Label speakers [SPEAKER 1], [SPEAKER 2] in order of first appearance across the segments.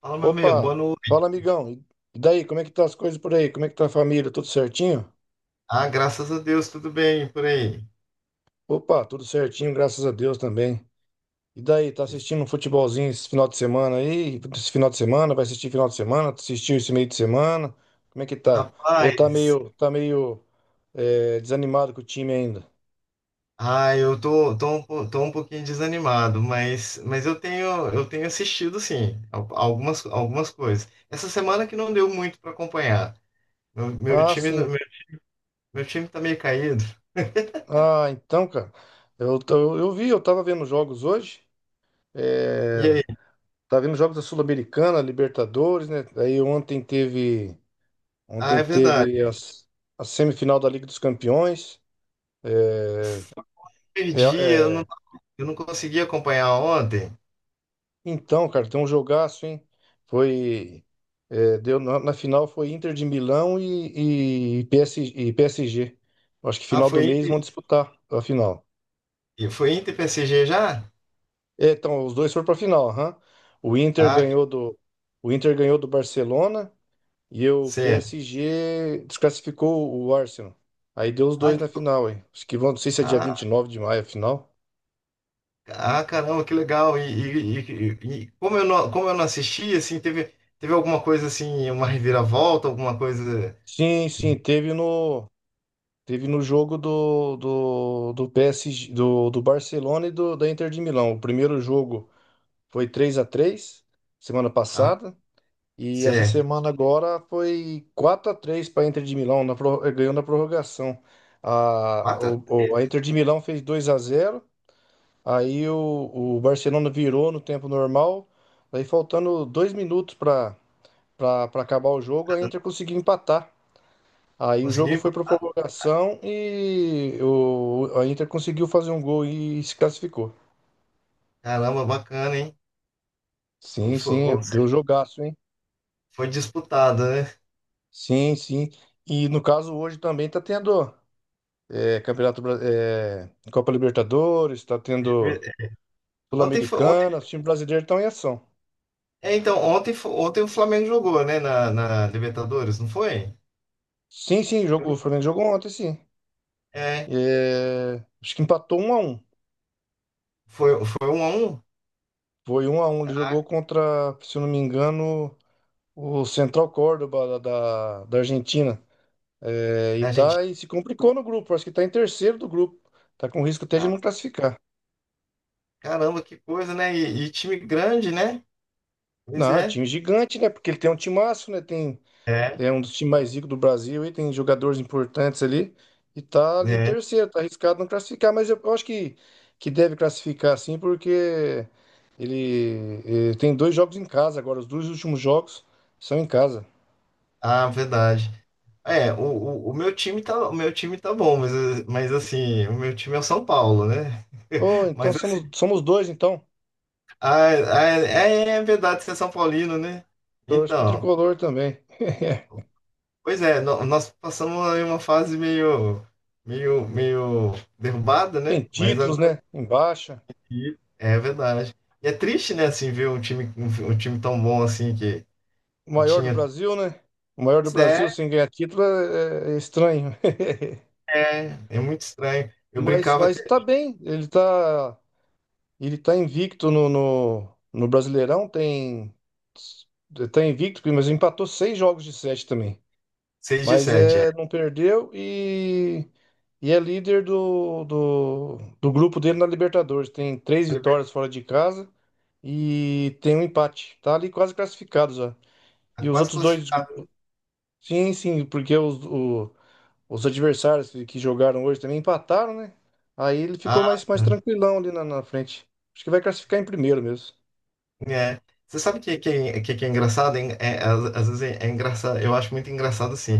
[SPEAKER 1] Fala, meu amigo, boa
[SPEAKER 2] Opa,
[SPEAKER 1] noite.
[SPEAKER 2] fala amigão. E daí, como é que tá as coisas por aí? Como é que tá a família? Tudo certinho?
[SPEAKER 1] Ah, graças a Deus, tudo bem por aí.
[SPEAKER 2] Opa, tudo certinho, graças a Deus também. E daí, tá assistindo um futebolzinho esse final de semana aí? Esse final de semana, vai assistir final de semana? Assistiu esse meio de semana? Como é que tá? Ou
[SPEAKER 1] Rapaz,
[SPEAKER 2] tá meio desanimado com o time ainda?
[SPEAKER 1] ah, eu tô um pouquinho desanimado, mas eu tenho assistido, sim, algumas coisas. Essa semana que não deu muito para acompanhar. Meu, meu
[SPEAKER 2] Ah,
[SPEAKER 1] time, meu,
[SPEAKER 2] sim.
[SPEAKER 1] meu time tá meio caído.
[SPEAKER 2] Ah, então, cara. Eu vi, eu tava vendo jogos hoje.
[SPEAKER 1] E
[SPEAKER 2] É,
[SPEAKER 1] aí?
[SPEAKER 2] tava vendo jogos da Sul-Americana, Libertadores, né? Aí ontem teve.
[SPEAKER 1] Ah,
[SPEAKER 2] Ontem
[SPEAKER 1] é
[SPEAKER 2] teve
[SPEAKER 1] verdade.
[SPEAKER 2] as, a semifinal da Liga dos Campeões. É,
[SPEAKER 1] Eu
[SPEAKER 2] Real-
[SPEAKER 1] perdi, eu não,
[SPEAKER 2] é,
[SPEAKER 1] eu não consegui acompanhar ontem.
[SPEAKER 2] então, cara, tem um jogaço, hein? Foi. Na final foi Inter de Milão e PSG. Eu acho que
[SPEAKER 1] Ah,
[SPEAKER 2] final do
[SPEAKER 1] foi
[SPEAKER 2] mês
[SPEAKER 1] Inter,
[SPEAKER 2] vão disputar a final.
[SPEAKER 1] foi Inter e PSG já?
[SPEAKER 2] É, então, os dois foram para a final. Aham. O Inter
[SPEAKER 1] Ah,
[SPEAKER 2] ganhou do, o Inter ganhou do Barcelona e o
[SPEAKER 1] certo.
[SPEAKER 2] PSG desclassificou o Arsenal. Aí deu os dois na final, hein? Acho que vão, não sei se é dia vinte
[SPEAKER 1] Ah,
[SPEAKER 2] e nove de maio a final.
[SPEAKER 1] Ah, caramba, que legal. E como eu não assisti, assim, teve alguma coisa assim, uma reviravolta, alguma coisa.
[SPEAKER 2] Sim, sim, teve no, teve no jogo do PSG, do Barcelona e do, da Inter de Milão. O primeiro jogo foi três a três semana
[SPEAKER 1] Ah,
[SPEAKER 2] passada. E essa
[SPEAKER 1] certo.
[SPEAKER 2] semana agora foi quatro a 3 para a Inter de Milão, ganhou na prorrogação. A,
[SPEAKER 1] Quatro a
[SPEAKER 2] o, o-
[SPEAKER 1] três.
[SPEAKER 2] a Inter de Milão fez dois a zero. O Barcelona virou no tempo normal. Aí faltando dois minutos para para acabar o jogo, a Inter conseguiu empatar. Aí o jogo
[SPEAKER 1] Conseguiu?
[SPEAKER 2] foi para prorrogação a Inter conseguiu fazer um gol e se classificou.
[SPEAKER 1] Caramba, bacana, hein?
[SPEAKER 2] Sim,
[SPEAKER 1] Foi,
[SPEAKER 2] sim,
[SPEAKER 1] ou
[SPEAKER 2] deu
[SPEAKER 1] seja,
[SPEAKER 2] jogaço, hein?
[SPEAKER 1] foi disputada, né?
[SPEAKER 2] Sim, sim. E no caso hoje também tá tendo Campeonato Copa Libertadores, tá tendo
[SPEAKER 1] Ontem foi, ontem,
[SPEAKER 2] Sul-Americana, os times brasileiros estão em ação.
[SPEAKER 1] é, então, ontem o Flamengo jogou, né, na Libertadores, não foi?
[SPEAKER 2] Sim, sim,
[SPEAKER 1] Eu
[SPEAKER 2] jogou, o
[SPEAKER 1] não-
[SPEAKER 2] Flamengo jogou ontem, sim.
[SPEAKER 1] É,
[SPEAKER 2] É, acho que empatou um a um.
[SPEAKER 1] foi 1-1
[SPEAKER 2] Foi um a um. Ele jogou contra, se eu não me engano, o Central Córdoba da da Argentina. É, e
[SPEAKER 1] da gente.
[SPEAKER 2] tá e se complicou no grupo. Acho que tá em terceiro do grupo. Tá com risco até de não classificar.
[SPEAKER 1] Caramba, que coisa, né? E time grande, né?
[SPEAKER 2] Não,
[SPEAKER 1] Pois
[SPEAKER 2] é um
[SPEAKER 1] é.
[SPEAKER 2] time gigante, né? Porque ele tem um timaço, né? Tem,
[SPEAKER 1] É,
[SPEAKER 2] é um dos times mais ricos do Brasil e tem jogadores importantes ali. E tá ali em
[SPEAKER 1] né?
[SPEAKER 2] terceiro, tá arriscado não classificar, mas eu acho que deve classificar sim, porque tem dois jogos em casa agora. Os dois últimos jogos são em casa.
[SPEAKER 1] Ah, verdade. É, o meu time tá, o meu time tá bom, mas assim, o meu time é o São Paulo, né?
[SPEAKER 2] Oh, então
[SPEAKER 1] Mas assim,
[SPEAKER 2] somos, somos dois, então.
[SPEAKER 1] ah, é verdade, você é São Paulino, né?
[SPEAKER 2] Torço pro
[SPEAKER 1] Então,
[SPEAKER 2] tricolor também.
[SPEAKER 1] pois é, nós passamos aí uma fase meio, meio, meio derrubada,
[SPEAKER 2] Tem
[SPEAKER 1] né? Mas
[SPEAKER 2] títulos,
[SPEAKER 1] agora
[SPEAKER 2] né? Embaixo.
[SPEAKER 1] sim, é verdade. E é triste, né, assim, ver um time, um time tão bom assim que,
[SPEAKER 2] O
[SPEAKER 1] que
[SPEAKER 2] maior do
[SPEAKER 1] tinha.
[SPEAKER 2] Brasil, né? O maior do
[SPEAKER 1] Pois
[SPEAKER 2] Brasil
[SPEAKER 1] é,
[SPEAKER 2] sem ganhar título é estranho.
[SPEAKER 1] é muito estranho. Eu brincava
[SPEAKER 2] Mas
[SPEAKER 1] até
[SPEAKER 2] tá bem. Ele tá invicto no Brasileirão. Tem, tá invicto, mas empatou seis jogos de sete também.
[SPEAKER 1] 6 de
[SPEAKER 2] Mas
[SPEAKER 1] 7, é.
[SPEAKER 2] é, não perdeu e é líder do grupo dele na Libertadores. Tem três vitórias fora de casa e tem um empate. Tá ali quase classificado já.
[SPEAKER 1] Tá
[SPEAKER 2] E os
[SPEAKER 1] quase
[SPEAKER 2] outros dois.
[SPEAKER 1] classificado.
[SPEAKER 2] Sim, sim, porque os, o, Os adversários que jogaram hoje também empataram, né? Aí ele ficou
[SPEAKER 1] Ah,
[SPEAKER 2] mais, mais
[SPEAKER 1] tá.
[SPEAKER 2] tranquilão ali na frente. Acho que vai classificar em primeiro mesmo.
[SPEAKER 1] É. Você sabe o que é engraçado? Hein? É, às vezes é engraçado, eu acho muito engraçado assim.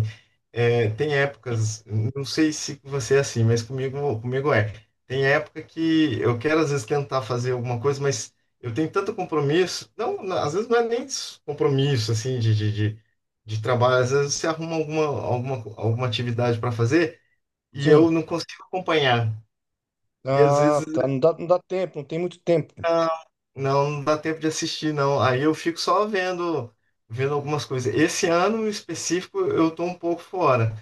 [SPEAKER 1] É, tem épocas, não sei se você é assim, mas comigo é. Tem época que eu quero às vezes tentar fazer alguma coisa, mas eu tenho tanto compromisso. Não, não, às vezes não é nem compromisso assim de trabalho. Às vezes você arruma alguma atividade para fazer e eu
[SPEAKER 2] Sim.
[SPEAKER 1] não consigo acompanhar. E às
[SPEAKER 2] Ah,
[SPEAKER 1] vezes
[SPEAKER 2] tá. Não dá, não dá tempo, não tem muito tempo.
[SPEAKER 1] Não, não dá tempo de assistir, não. Aí eu fico só vendo algumas coisas. Esse ano em específico eu tô um pouco fora,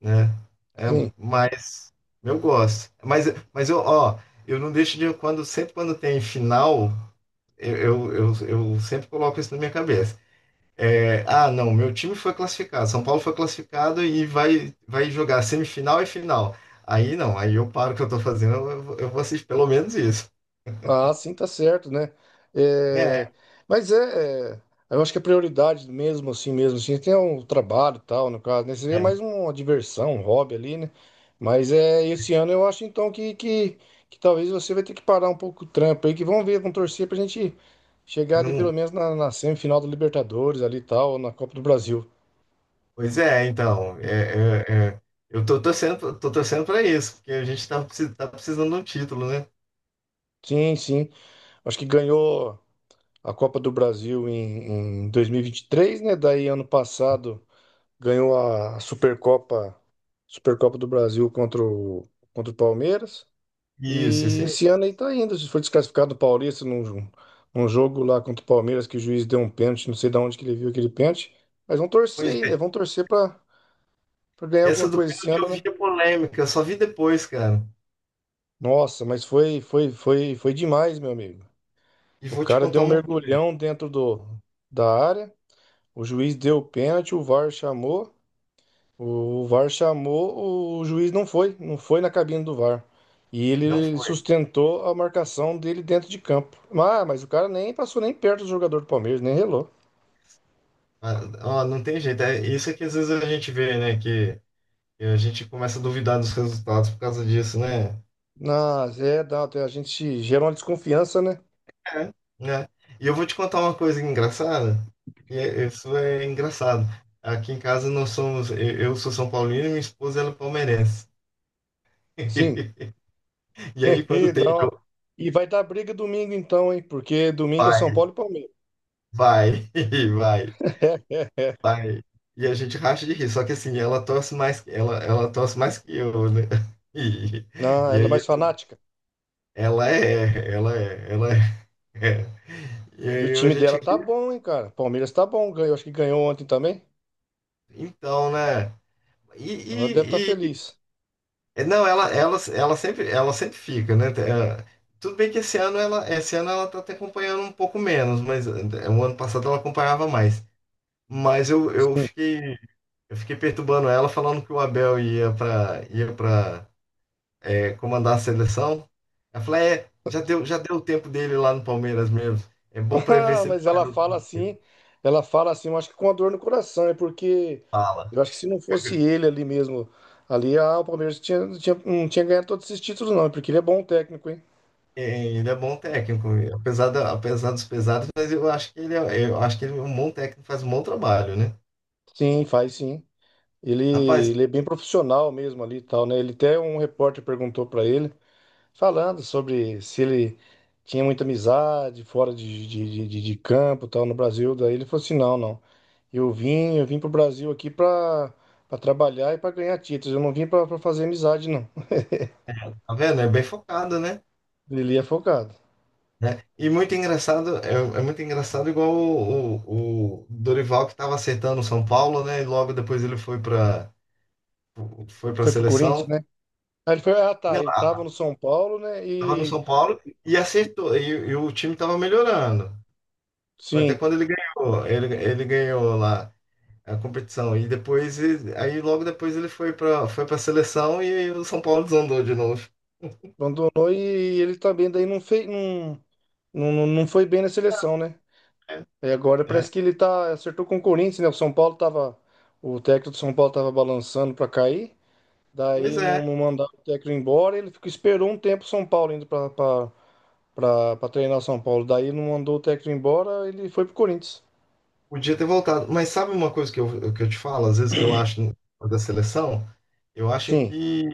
[SPEAKER 1] né? É,
[SPEAKER 2] Sim.
[SPEAKER 1] mas eu gosto. Mas eu, ó, eu não deixo de sempre quando tem final, eu, eu, eu, eu sempre coloco isso na minha cabeça. É, ah, não, meu time foi classificado, São Paulo foi classificado e vai jogar semifinal e final. Aí não, aí eu paro o que eu tô fazendo, eu vou assistir pelo menos isso.
[SPEAKER 2] Ah, sim, tá certo, né?
[SPEAKER 1] É,
[SPEAKER 2] É, mas é, é, eu acho que a prioridade mesmo assim, tem um trabalho e tal, no caso, né? Seria
[SPEAKER 1] é.
[SPEAKER 2] mais uma diversão, um hobby ali, né? Mas é, esse ano eu acho então que talvez você vai ter que parar um pouco o trampo aí, que vamos ver com torcer pra gente chegar ali pelo
[SPEAKER 1] Não,
[SPEAKER 2] menos na semifinal da Libertadores ali e tal, ou na Copa do Brasil.
[SPEAKER 1] pois é, então, é, é, é. Eu tô torcendo para isso, porque a gente tá precisando de um título, né?
[SPEAKER 2] Sim, sim. Acho que ganhou a Copa do Brasil em dois mil e vinte e três, né? Daí ano passado. Ganhou a Supercopa, Supercopa do Brasil contra o, contra o Palmeiras.
[SPEAKER 1] Isso,
[SPEAKER 2] E
[SPEAKER 1] isso aí.
[SPEAKER 2] esse ano aí tá indo. Se foi desclassificado do Paulista num jogo lá contra o Palmeiras que o juiz deu um pênalti, não sei de onde que ele viu aquele pênalti. Mas vão torcer
[SPEAKER 1] Pois
[SPEAKER 2] aí, né?
[SPEAKER 1] é,
[SPEAKER 2] Pra ganhar
[SPEAKER 1] essa
[SPEAKER 2] alguma
[SPEAKER 1] do
[SPEAKER 2] coisa esse
[SPEAKER 1] pênalti eu
[SPEAKER 2] ano,
[SPEAKER 1] vi
[SPEAKER 2] né?
[SPEAKER 1] a polêmica, eu só vi depois, cara.
[SPEAKER 2] Nossa, mas foi demais, meu amigo.
[SPEAKER 1] E
[SPEAKER 2] O
[SPEAKER 1] vou te
[SPEAKER 2] cara deu
[SPEAKER 1] contar
[SPEAKER 2] um
[SPEAKER 1] uma coisa,
[SPEAKER 2] mergulhão da área, o juiz deu o pênalti, o VAR chamou. O VAR chamou, o juiz não foi, não foi na cabine do VAR. E
[SPEAKER 1] não
[SPEAKER 2] ele
[SPEAKER 1] foi.
[SPEAKER 2] sustentou a marcação dele dentro de campo. Ah, mas o cara nem passou nem perto do jogador do Palmeiras, nem relou.
[SPEAKER 1] Ah, ó, não tem jeito, é isso é que às vezes a gente vê, né, que a gente começa a duvidar dos resultados por causa disso, né?
[SPEAKER 2] Mas é, dá, a gente gera uma desconfiança, né?
[SPEAKER 1] É, né? E eu vou te contar uma coisa engraçada, isso é engraçado. Aqui em casa nós somos, eu sou São Paulino e minha esposa ela é palmeirense.
[SPEAKER 2] Sim.
[SPEAKER 1] E aí, quando
[SPEAKER 2] E,
[SPEAKER 1] tem
[SPEAKER 2] dá uma-
[SPEAKER 1] jogo,
[SPEAKER 2] e vai dar briga domingo então, hein? Porque domingo é São
[SPEAKER 1] vai,
[SPEAKER 2] Paulo e Palmeiras.
[SPEAKER 1] vai, vai, vai. E a gente racha de rir. Só que assim, ela torce mais, ela torce mais que eu, né? E,
[SPEAKER 2] Ah,
[SPEAKER 1] e
[SPEAKER 2] ela é
[SPEAKER 1] aí
[SPEAKER 2] mais fanática.
[SPEAKER 1] ela é, ela é, ela é. E
[SPEAKER 2] E o
[SPEAKER 1] aí a
[SPEAKER 2] time
[SPEAKER 1] gente
[SPEAKER 2] dela tá
[SPEAKER 1] ri.
[SPEAKER 2] bom, hein, cara? Palmeiras tá bom, ganhou, acho que ganhou ontem também.
[SPEAKER 1] Então, né? E,
[SPEAKER 2] Então ela deve estar
[SPEAKER 1] e, e-
[SPEAKER 2] feliz.
[SPEAKER 1] é, não, ela sempre fica, né? É, tudo bem que esse ano ela tá até acompanhando um pouco menos, mas é, o ano passado ela acompanhava mais. Mas eu, eu
[SPEAKER 2] Sim.
[SPEAKER 1] fiquei Eu fiquei perturbando ela, falando que o Abel ia para comandar a seleção. Ela falou, é, já deu o tempo dele lá no Palmeiras mesmo. É bom para ver
[SPEAKER 2] Ah,
[SPEAKER 1] se ele
[SPEAKER 2] mas
[SPEAKER 1] faz o que
[SPEAKER 2] ela fala assim, eu acho que com a dor no coração, é porque
[SPEAKER 1] fala.
[SPEAKER 2] eu acho que se não fosse ele ali mesmo, ali ah, o Palmeiras tinha, não tinha, não tinha ganhado todos esses títulos, não, é porque ele é bom técnico, hein?
[SPEAKER 1] É, ele é bom técnico, apesar dos pesados, mas eu acho que ele é um bom técnico, faz um bom trabalho, né?
[SPEAKER 2] Sim, faz sim. Ele,
[SPEAKER 1] Rapaz,
[SPEAKER 2] ele é bem profissional mesmo ali e tal, né? Ele até um repórter perguntou pra ele. Falando sobre se ele tinha muita amizade fora de campo, tal, no Brasil. Daí ele falou assim, não, não. Eu vim pro Brasil aqui pra para trabalhar e pra ganhar títulos. Eu não vim pra fazer amizade, não.
[SPEAKER 1] tá vendo? É bem focado, né?
[SPEAKER 2] Ele é focado.
[SPEAKER 1] Né? E muito engraçado, é muito engraçado igual o Dorival que estava acertando o São Paulo, né? E logo depois ele foi para a
[SPEAKER 2] Foi pro Corinthians,
[SPEAKER 1] seleção.
[SPEAKER 2] né? Aí ele foi, ah, tá,
[SPEAKER 1] Não,
[SPEAKER 2] ele tava no São Paulo, né?
[SPEAKER 1] tava no
[SPEAKER 2] E
[SPEAKER 1] São Paulo e acertou. E o time tava melhorando. Foi até
[SPEAKER 2] sim,
[SPEAKER 1] quando ele ganhou. Ele ganhou lá a competição. E depois, aí logo depois ele foi pra, seleção e o São Paulo desandou de novo.
[SPEAKER 2] abandonou e ele também daí não fez, não, não não foi bem na seleção, né?
[SPEAKER 1] É,
[SPEAKER 2] Aí agora
[SPEAKER 1] é.
[SPEAKER 2] parece que ele tá acertou com o Corinthians, né? O São Paulo tava o técnico do São Paulo tava balançando pra cair.
[SPEAKER 1] Pois
[SPEAKER 2] Daí não,
[SPEAKER 1] é,
[SPEAKER 2] não mandaram o técnico embora, ele ficou, esperou um tempo o São Paulo indo pra treinar o São Paulo. Daí não mandou o técnico embora, ele foi pro Corinthians.
[SPEAKER 1] podia ter voltado. Mas sabe uma coisa que eu te falo, às vezes que eu acho da seleção? Eu acho
[SPEAKER 2] Sim,
[SPEAKER 1] que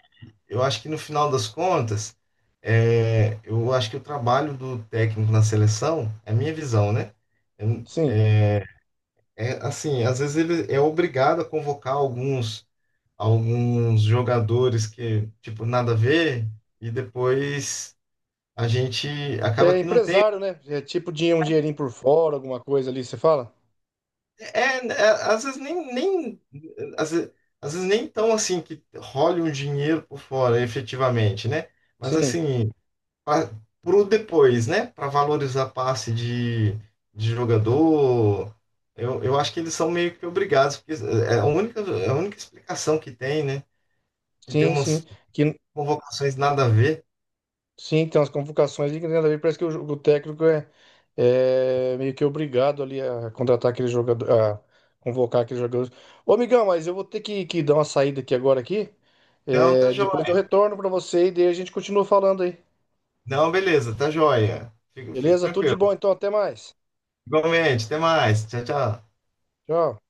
[SPEAKER 1] eu acho que no final das contas, é, eu acho que o trabalho do técnico na seleção, é a minha visão, né? Eu,
[SPEAKER 2] sim.
[SPEAKER 1] É, assim, às vezes ele é obrigado a convocar alguns jogadores que, tipo, nada a ver, e depois a gente acaba
[SPEAKER 2] É
[SPEAKER 1] que não tem.
[SPEAKER 2] empresário, né? É tipo um dinheirinho por fora, alguma coisa ali, você fala?
[SPEAKER 1] É, é, às vezes, às vezes nem tão assim que role um dinheiro por fora, efetivamente, né? Mas
[SPEAKER 2] Sim,
[SPEAKER 1] assim, para pro depois, né? Para valorizar passe de jogador, eu acho que eles são meio que obrigados, porque é a única explicação que tem, né? Que tem
[SPEAKER 2] sim, sim.
[SPEAKER 1] umas
[SPEAKER 2] Que,
[SPEAKER 1] convocações nada a ver.
[SPEAKER 2] sim, tem umas convocações ali que nada a ver. Parece que o técnico é meio que obrigado ali a contratar aquele jogador, a convocar aqueles jogadores. Ô, amigão, mas eu vou ter que dar uma saída aqui agora aqui.
[SPEAKER 1] Não, tá
[SPEAKER 2] É, depois eu
[SPEAKER 1] joia.
[SPEAKER 2] retorno para você e daí a gente continua falando aí.
[SPEAKER 1] Não, beleza, tá joia. Fica, fica
[SPEAKER 2] Beleza? Tudo de bom,
[SPEAKER 1] tranquilo.
[SPEAKER 2] então. Até mais.
[SPEAKER 1] Igualmente, até mais. Tchau, tchau.
[SPEAKER 2] Tchau.